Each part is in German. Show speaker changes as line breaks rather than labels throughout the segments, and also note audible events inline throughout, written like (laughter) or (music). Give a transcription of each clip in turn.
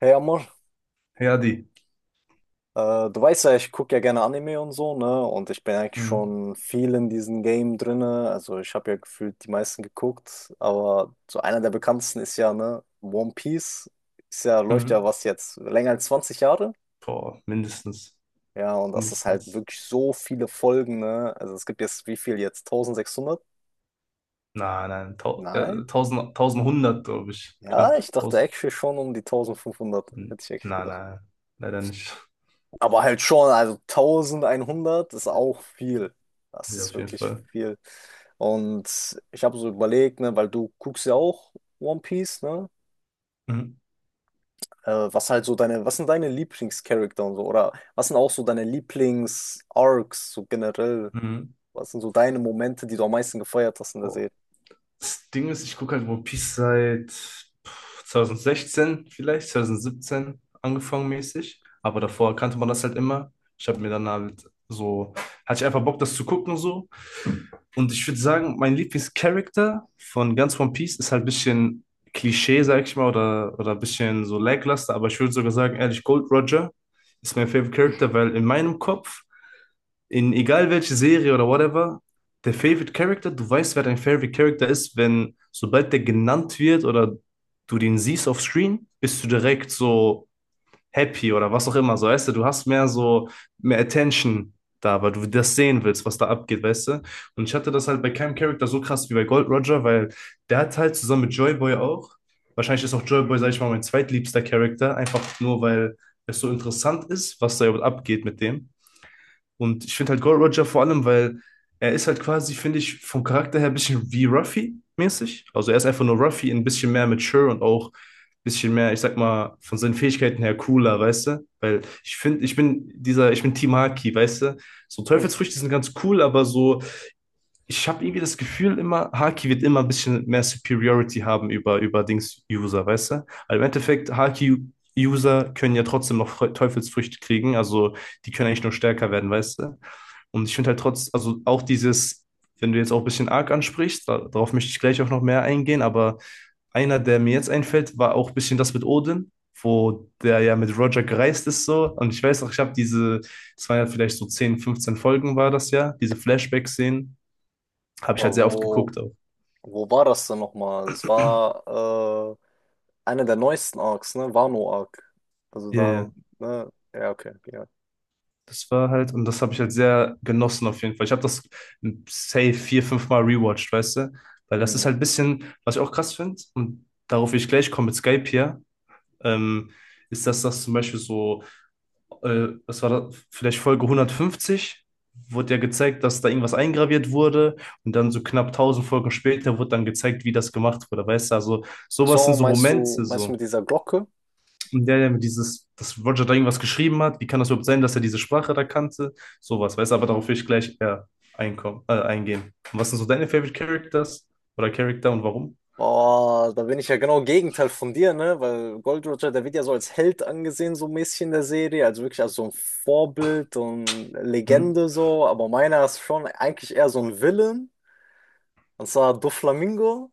Hey Amor,
Herdi.
du weißt ja, ich gucke ja gerne Anime und so, ne? Und ich bin eigentlich
Mhm.
schon viel in diesem Game drinne. Also ich habe ja gefühlt die meisten geguckt, aber so einer der bekanntesten ist ja, ne, One Piece. Ist ja, läuft ja
Mhm.
was jetzt länger als 20 Jahre.
Boah, mindestens.
Ja, und das ist halt
Mindestens.
wirklich so viele Folgen, ne? Also es gibt jetzt wie viel jetzt? 1600?
Nein, nein. Tau
Nein?
Ja, 1000, 1100, glaube ich.
Ja,
Knapp
ich dachte
1000.
actually schon um die 1500. Hätte ich eigentlich
Nein,
gedacht.
nein. Leider nicht. (laughs)
Aber halt schon, also 1100 ist auch viel. Das
Ja,
ist
auf jeden
wirklich
Fall.
viel. Und ich habe so überlegt, ne, weil du guckst ja auch One Piece, ne?
Mhm.
Was halt so deine, was sind deine Lieblingscharakter und so? Oder was sind auch so deine Lieblings-Arcs, so generell?
Mhm.
Was sind so deine Momente, die du am meisten gefeiert hast in der
Boah.
Serie?
Das Ding ist, ich gucke halt One Piece seit 2016 vielleicht, 2017 angefangen mäßig. Aber davor kannte man das halt immer. Ich habe mir dann halt so, Hatte ich einfach Bock, das zu gucken so. Und ich würde sagen, mein Lieblingscharakter von ganz One Piece ist halt ein bisschen Klischee, sag ich mal, oder ein bisschen so lackluster, aber ich würde sogar sagen, ehrlich, Gold Roger ist mein Favorite Character, weil in meinem Kopf, in egal welche Serie oder whatever, der Favorite Character, du weißt, wer dein Favorite Character ist, wenn sobald der genannt wird oder du den siehst auf Screen, bist du direkt so happy oder was auch immer. So, weißt du, du hast mehr so, mehr Attention da, weil du das sehen willst, was da abgeht, weißt du? Und ich hatte das halt bei keinem Charakter so krass wie bei Gold Roger, weil der hat halt zusammen mit Joy Boy auch, wahrscheinlich ist auch Joy Boy, sag ich mal, mein zweitliebster Charakter, einfach nur, weil es so interessant ist, was da überhaupt abgeht mit dem. Und ich finde halt Gold Roger vor allem, weil er ist halt quasi, finde ich, vom Charakter her ein bisschen wie Ruffy mäßig. Also er ist einfach nur Ruffy, ein bisschen mehr mature und auch bisschen mehr, ich sag mal, von seinen Fähigkeiten her cooler, weißt du? Weil ich finde, ich bin Team Haki, weißt du? So
Mhm.
Teufelsfrüchte sind ganz cool, aber so, ich habe irgendwie das Gefühl immer, Haki wird immer ein bisschen mehr Superiority haben über, Dings-User, weißt du? Weil im Endeffekt, Haki-User können ja trotzdem noch Teufelsfrüchte kriegen, also die können eigentlich nur stärker werden, weißt du? Und ich finde halt trotz, also auch dieses, wenn du jetzt auch ein bisschen Arc ansprichst, da, darauf möchte ich gleich auch noch mehr eingehen, aber einer, der mir jetzt einfällt, war auch ein bisschen das mit Odin, wo der ja mit Roger gereist ist so. Und ich weiß noch, das waren ja vielleicht so 10, 15 Folgen war das ja, diese Flashback-Szenen, habe ich
Aber
halt sehr oft geguckt auch.
wo war das denn nochmal? Das war einer der neuesten Arcs, ne? Wano-Arc. Also
Ja,
da,
ja.
ne? Ja, okay, ja.
Das war halt, und das habe ich halt sehr genossen auf jeden Fall. Ich habe das safe vier, fünf Mal rewatcht, weißt du? Weil das ist
Hm.
halt ein bisschen, was ich auch krass finde, und darauf will ich gleich kommen mit Skype hier, ähm, ist, dass das zum Beispiel so was war das, vielleicht Folge 150, wurde ja gezeigt, dass da irgendwas eingraviert wurde und dann so knapp 1000 Folgen später wurde dann gezeigt, wie das gemacht wurde, weißt du, also
Ach
sowas sind
so,
so Momente,
meinst du
so,
mit dieser Glocke?
in der er dieses, dass Roger da irgendwas geschrieben hat, wie kann das überhaupt sein, dass er diese Sprache da kannte, sowas, weißt du, aber darauf will ich gleich eher einkommen, eingehen. Und was sind so deine Favorite Characters oder Charakter und warum?
Boah, da bin ich ja genau Gegenteil von dir, ne? Weil Gold Roger, der wird ja so als Held angesehen, so mäßig in der Serie, also wirklich als so ein Vorbild und
Hm?
Legende so, aber meiner ist schon eigentlich eher so ein Villain, und zwar Doflamingo.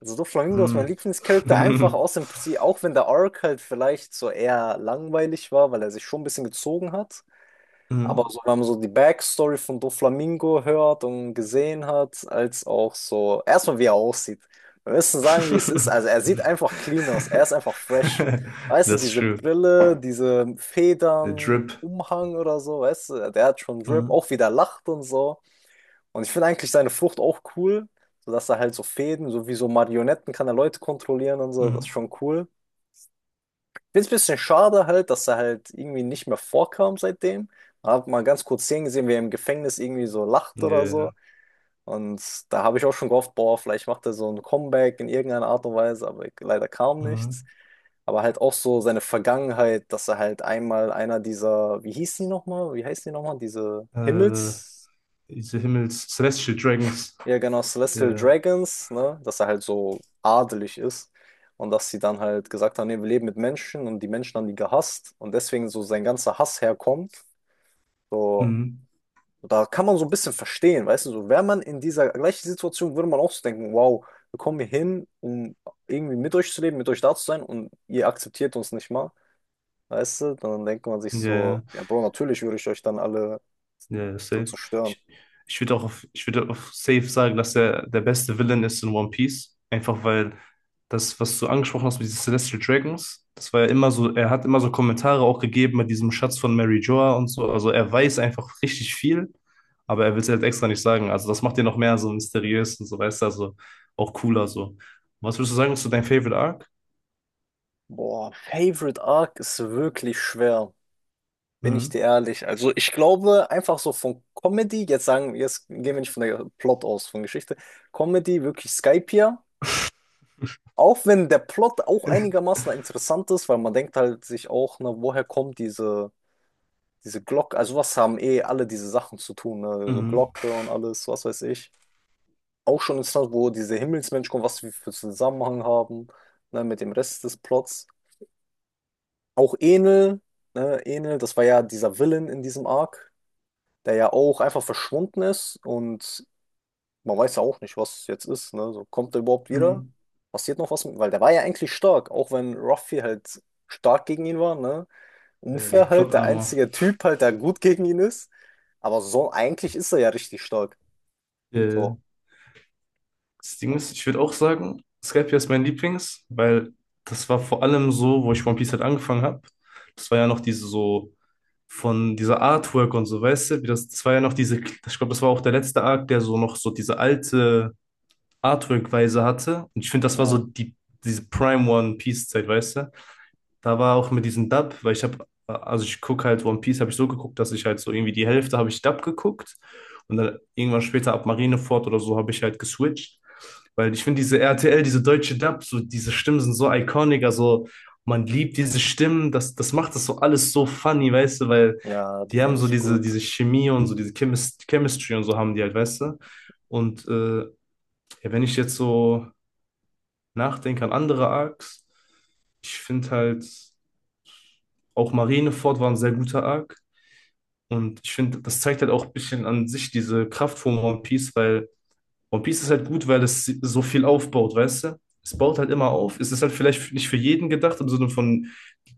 Also Doflamingo ist mein
Hm.
Lieblingscharakter, einfach aus
(laughs)
dem Prinzip, auch wenn der Arc halt vielleicht so eher langweilig war, weil er sich schon ein bisschen gezogen hat. Aber
Hm.
so, wenn man so die Backstory von Doflamingo hört und gesehen hat, als auch so, erstmal wie er aussieht. Wir müssen sagen, wie es ist. Also er sieht einfach clean aus,
(laughs)
er ist einfach fresh. Weißt du,
Das ist
diese
schön.
Brille, diese
Der
Federn,
Drip.
Umhang oder so, weißt du, der hat schon Drip,
Mhm.
auch wie der lacht und so. Und ich finde eigentlich seine Frucht auch cool, sodass er halt so Fäden, so wie so Marionetten kann er Leute kontrollieren und so, das ist
Mhm.
schon cool. Finde es ein bisschen schade halt, dass er halt irgendwie nicht mehr vorkam seitdem. Hab mal ganz kurz Szenen gesehen, wie er im Gefängnis irgendwie so lacht oder so.
Ja.
Und da habe ich auch schon gehofft, boah, vielleicht macht er so ein Comeback in irgendeiner Art und Weise, aber leider kam nichts.
Mhm.
Aber halt auch so seine Vergangenheit, dass er halt einmal einer dieser, wie hieß die nochmal? Wie heißt die nochmal? Diese
Äh,
Himmels,
diese Himmels Celestial Dragons.
ja, genau,
Ja.
Celestial
Yeah.
Dragons, ne, dass er halt so adelig ist und dass sie dann halt gesagt haben, nee, wir leben mit Menschen und die Menschen haben die gehasst und deswegen so sein ganzer Hass herkommt. So,
Mhm.
da kann man so ein bisschen verstehen, weißt du, so wäre man in dieser gleichen Situation, würde man auch so denken, wow, wir kommen hier hin, um irgendwie mit euch zu leben, mit euch da zu sein und ihr akzeptiert uns nicht mal, weißt du, dann denkt man sich
Ja.
so,
Yeah.
ja, Bro, natürlich würde ich euch dann alle
Ja,
so
safe.
zerstören.
Ich, ich ich würde auf safe sagen, dass er der beste Villain ist in One Piece. Einfach weil das, was du angesprochen hast mit diesen Celestial Dragons, das war ja immer so, er hat immer so Kommentare auch gegeben mit diesem Schatz von Mary Joa und so. Also er weiß einfach richtig viel, aber er will es halt extra nicht sagen. Also das macht ihn noch mehr so mysteriös und so, weißt du, also auch cooler so. Was würdest du sagen, ist so dein Favorite Arc?
Boah, Favorite Arc ist wirklich schwer. Bin ich
Mhm.
dir ehrlich? Also ich glaube einfach so von Comedy, jetzt sagen, jetzt gehen wir nicht von der Plot aus, von Geschichte. Comedy, wirklich Skypiea. Auch wenn der Plot auch
(laughs)
einigermaßen interessant ist, weil man denkt halt sich auch, ne, diese Glocke? Also was haben eh alle diese Sachen zu tun, ne? So
Mhm.
Glocke und alles, was weiß ich. Auch schon interessant, wo diese Himmelsmenschen kommen, was wir für Zusammenhang haben, ne, mit dem Rest des Plots. Auch Enel, ne, Enel, das war ja dieser Villain in diesem Arc, der ja auch einfach verschwunden ist und man weiß ja auch nicht, was jetzt ist, ne? So, kommt er überhaupt wieder?
Mhm.
Passiert noch was mit? Weil der war ja eigentlich stark, auch wenn Ruffy halt stark gegen ihn war, ne?
Die
Unfair
Plot
halt, der
Armor.
einzige Typ halt, der gut gegen ihn ist. Aber so, eigentlich ist er ja richtig stark. So.
Das Ding ist, ich würde auch sagen, Skypiea ist mein Lieblings, weil das war vor allem so, wo ich One Piece halt angefangen habe. Das war ja noch diese so von dieser Artwork und so, weißt du, wie das, das war ja noch diese, ich glaube, das war auch der letzte Arc, der so noch so diese alte Artwork-Weise hatte. Und ich finde, das war so
Ja,
die, diese Prime One Piece-Zeit, weißt du? Da war auch mit diesem Dub, also ich gucke halt One Piece, habe ich so geguckt, dass ich halt so irgendwie die Hälfte habe ich Dub geguckt und dann irgendwann später ab Marineford oder so habe ich halt geswitcht, weil ich finde diese RTL, diese deutsche Dub, so diese Stimmen sind so iconic, also man liebt diese Stimmen, das macht das so alles so funny, weißt du, weil
ja, die
die
sind
haben so
richtig
diese,
gut.
diese Chemie und so diese Chemistry und so haben die halt, weißt du. Und ja, wenn ich jetzt so nachdenke an andere Arcs, ich finde halt. Auch Marineford war ein sehr guter Arc. Und ich finde, das zeigt halt auch ein bisschen an sich diese Kraft von One Piece, weil One Piece ist halt gut, weil es so viel aufbaut, weißt du? Es baut halt immer auf. Es ist halt vielleicht nicht für jeden gedacht, im Sinne von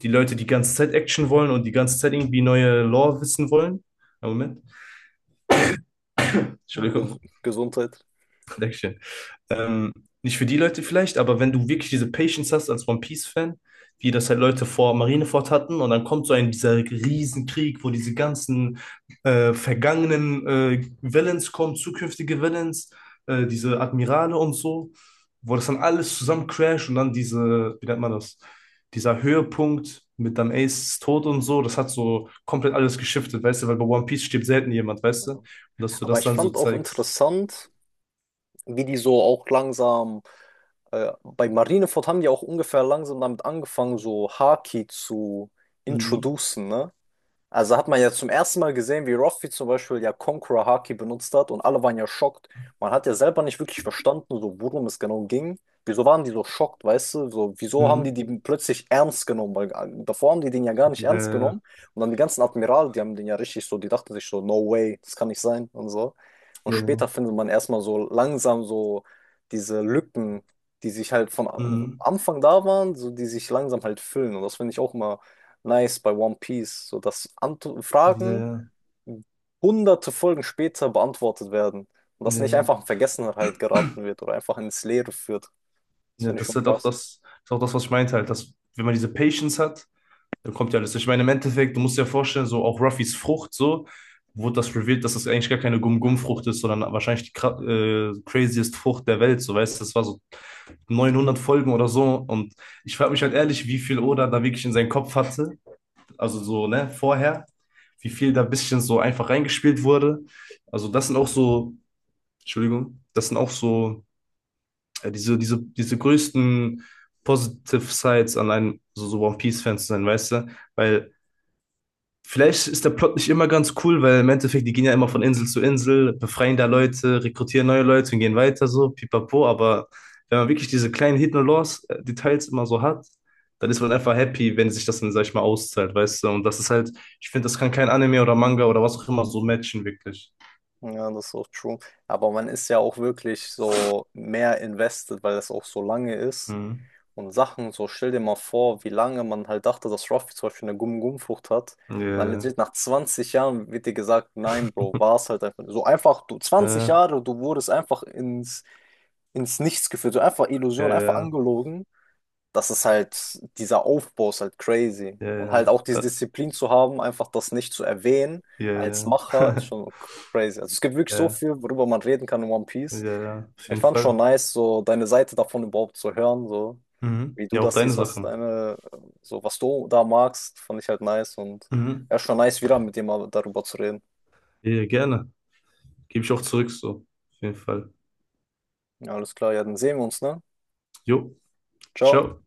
die Leute, die ganze Zeit Action wollen und die ganze Zeit irgendwie neue Lore wissen wollen. Ah, Moment,
Ges
Entschuldigung,
Gesundheit.
(laughs) Dankeschön. Ähm, nicht für die Leute vielleicht, aber wenn du wirklich diese Patience hast als One Piece-Fan, wie das halt Leute vor Marineford hatten, und dann kommt so ein dieser Riesenkrieg, wo diese ganzen vergangenen Villains kommen, zukünftige Villains, diese Admirale und so, wo das dann alles zusammen crasht und dann diese, wie nennt man das, dieser Höhepunkt mit dann Aces Tod und so, das hat so komplett alles geschiftet, weißt du, weil bei One Piece stirbt selten jemand, weißt
Ja.
du, und dass du
Aber
das
ich
dann so
fand auch
zeigst.
interessant, wie die so auch langsam bei Marineford haben die auch ungefähr langsam damit angefangen, so Haki zu
Mhm.
introducen, ne? Also hat man ja zum ersten Mal gesehen, wie Ruffy zum Beispiel ja Conqueror Haki benutzt hat und alle waren ja schockt. Man hat ja selber nicht wirklich verstanden, so worum es genau ging. Wieso waren die so schockt, weißt du? So, wieso haben die
Mhm.
die plötzlich ernst genommen? Weil davor haben die den ja gar nicht ernst
Der,
genommen. Und dann die ganzen Admirale, die haben den ja richtig so, die dachten sich so, no way, das kann nicht sein und so. Und später
Ja,
findet man erstmal so langsam so diese Lücken, die sich halt von
mhm.
Anfang da waren, so die sich langsam halt füllen. Und das finde ich auch immer Nice bei One Piece, so dass Ant Fragen
Ja,
hunderte Folgen später beantwortet werden und das nicht
ja,
einfach in Vergessenheit geraten wird oder einfach ins Leere führt. Das
ja,
finde ich
das ist
schon
halt auch
krass.
das, ist auch das, was ich meinte, halt, dass wenn man diese Patience hat, dann kommt ja alles. Ich meine, im Endeffekt, du musst dir ja vorstellen, so auch Ruffys Frucht, so wurde das revealed, dass das eigentlich gar keine Gum-Gum-Frucht ist, sondern wahrscheinlich die craziest Frucht der Welt, so weißt du, das war so 900 Folgen oder so und ich frage mich halt ehrlich, wie viel Oda da wirklich in seinen Kopf hatte, also so, ne, vorher, wie viel da ein bisschen so einfach reingespielt wurde. Also das sind auch so, Entschuldigung, das sind auch so ja, diese größten Positive Sides an einem, so, so One Piece-Fan zu sein, weißt du? Weil vielleicht ist der Plot nicht immer ganz cool, weil im Endeffekt, die gehen ja immer von Insel zu Insel, befreien da Leute, rekrutieren neue Leute und gehen weiter so, pipapo, aber wenn man wirklich diese kleinen Hidden Laws Details immer so hat, dann ist man einfach happy, wenn sich das dann, sag ich mal, auszahlt, weißt du? Und das ist halt, ich finde, das kann kein Anime oder Manga oder was auch immer so matchen, wirklich.
Ja, das ist auch true. Aber man ist ja auch wirklich so mehr invested, weil es auch so lange ist.
Mhm.
Und Sachen, so stell dir mal vor, wie lange man halt dachte, dass Ruffy zum Beispiel eine Gum-Gum-Frucht hat. Und dann
Ja,
legit nach 20 Jahren wird dir gesagt, nein, Bro, war es halt einfach. So einfach, du zwanzig
ja,
Jahre, du wurdest einfach ins Nichts geführt, so einfach
ja,
Illusion,
ja,
einfach
ja,
angelogen. Das ist halt, dieser Aufbau ist halt crazy.
ja,
Und
ja,
halt auch diese Disziplin zu haben, einfach das nicht zu erwähnen
Ja.
als
Ja.
Macher, ist
(laughs)
schon crazy. Also es gibt wirklich so
Ja,
viel, worüber man reden kann in One
ja,
Piece.
ja, auf
Ich
jeden
fand
Fall.
schon nice, so deine Seite davon überhaupt zu hören, so
Mhm.
wie du
Ja, auch
das
deine
siehst, was
Sachen.
deine, so was du da magst, fand ich halt nice und
Mhm.
ja, schon nice wieder mit dir mal darüber zu reden.
Ja, gerne. Gebe ich auch zurück, so. Auf jeden Fall.
Ja, alles klar, ja, dann sehen wir uns, ne?
Jo,
Ciao.
ciao.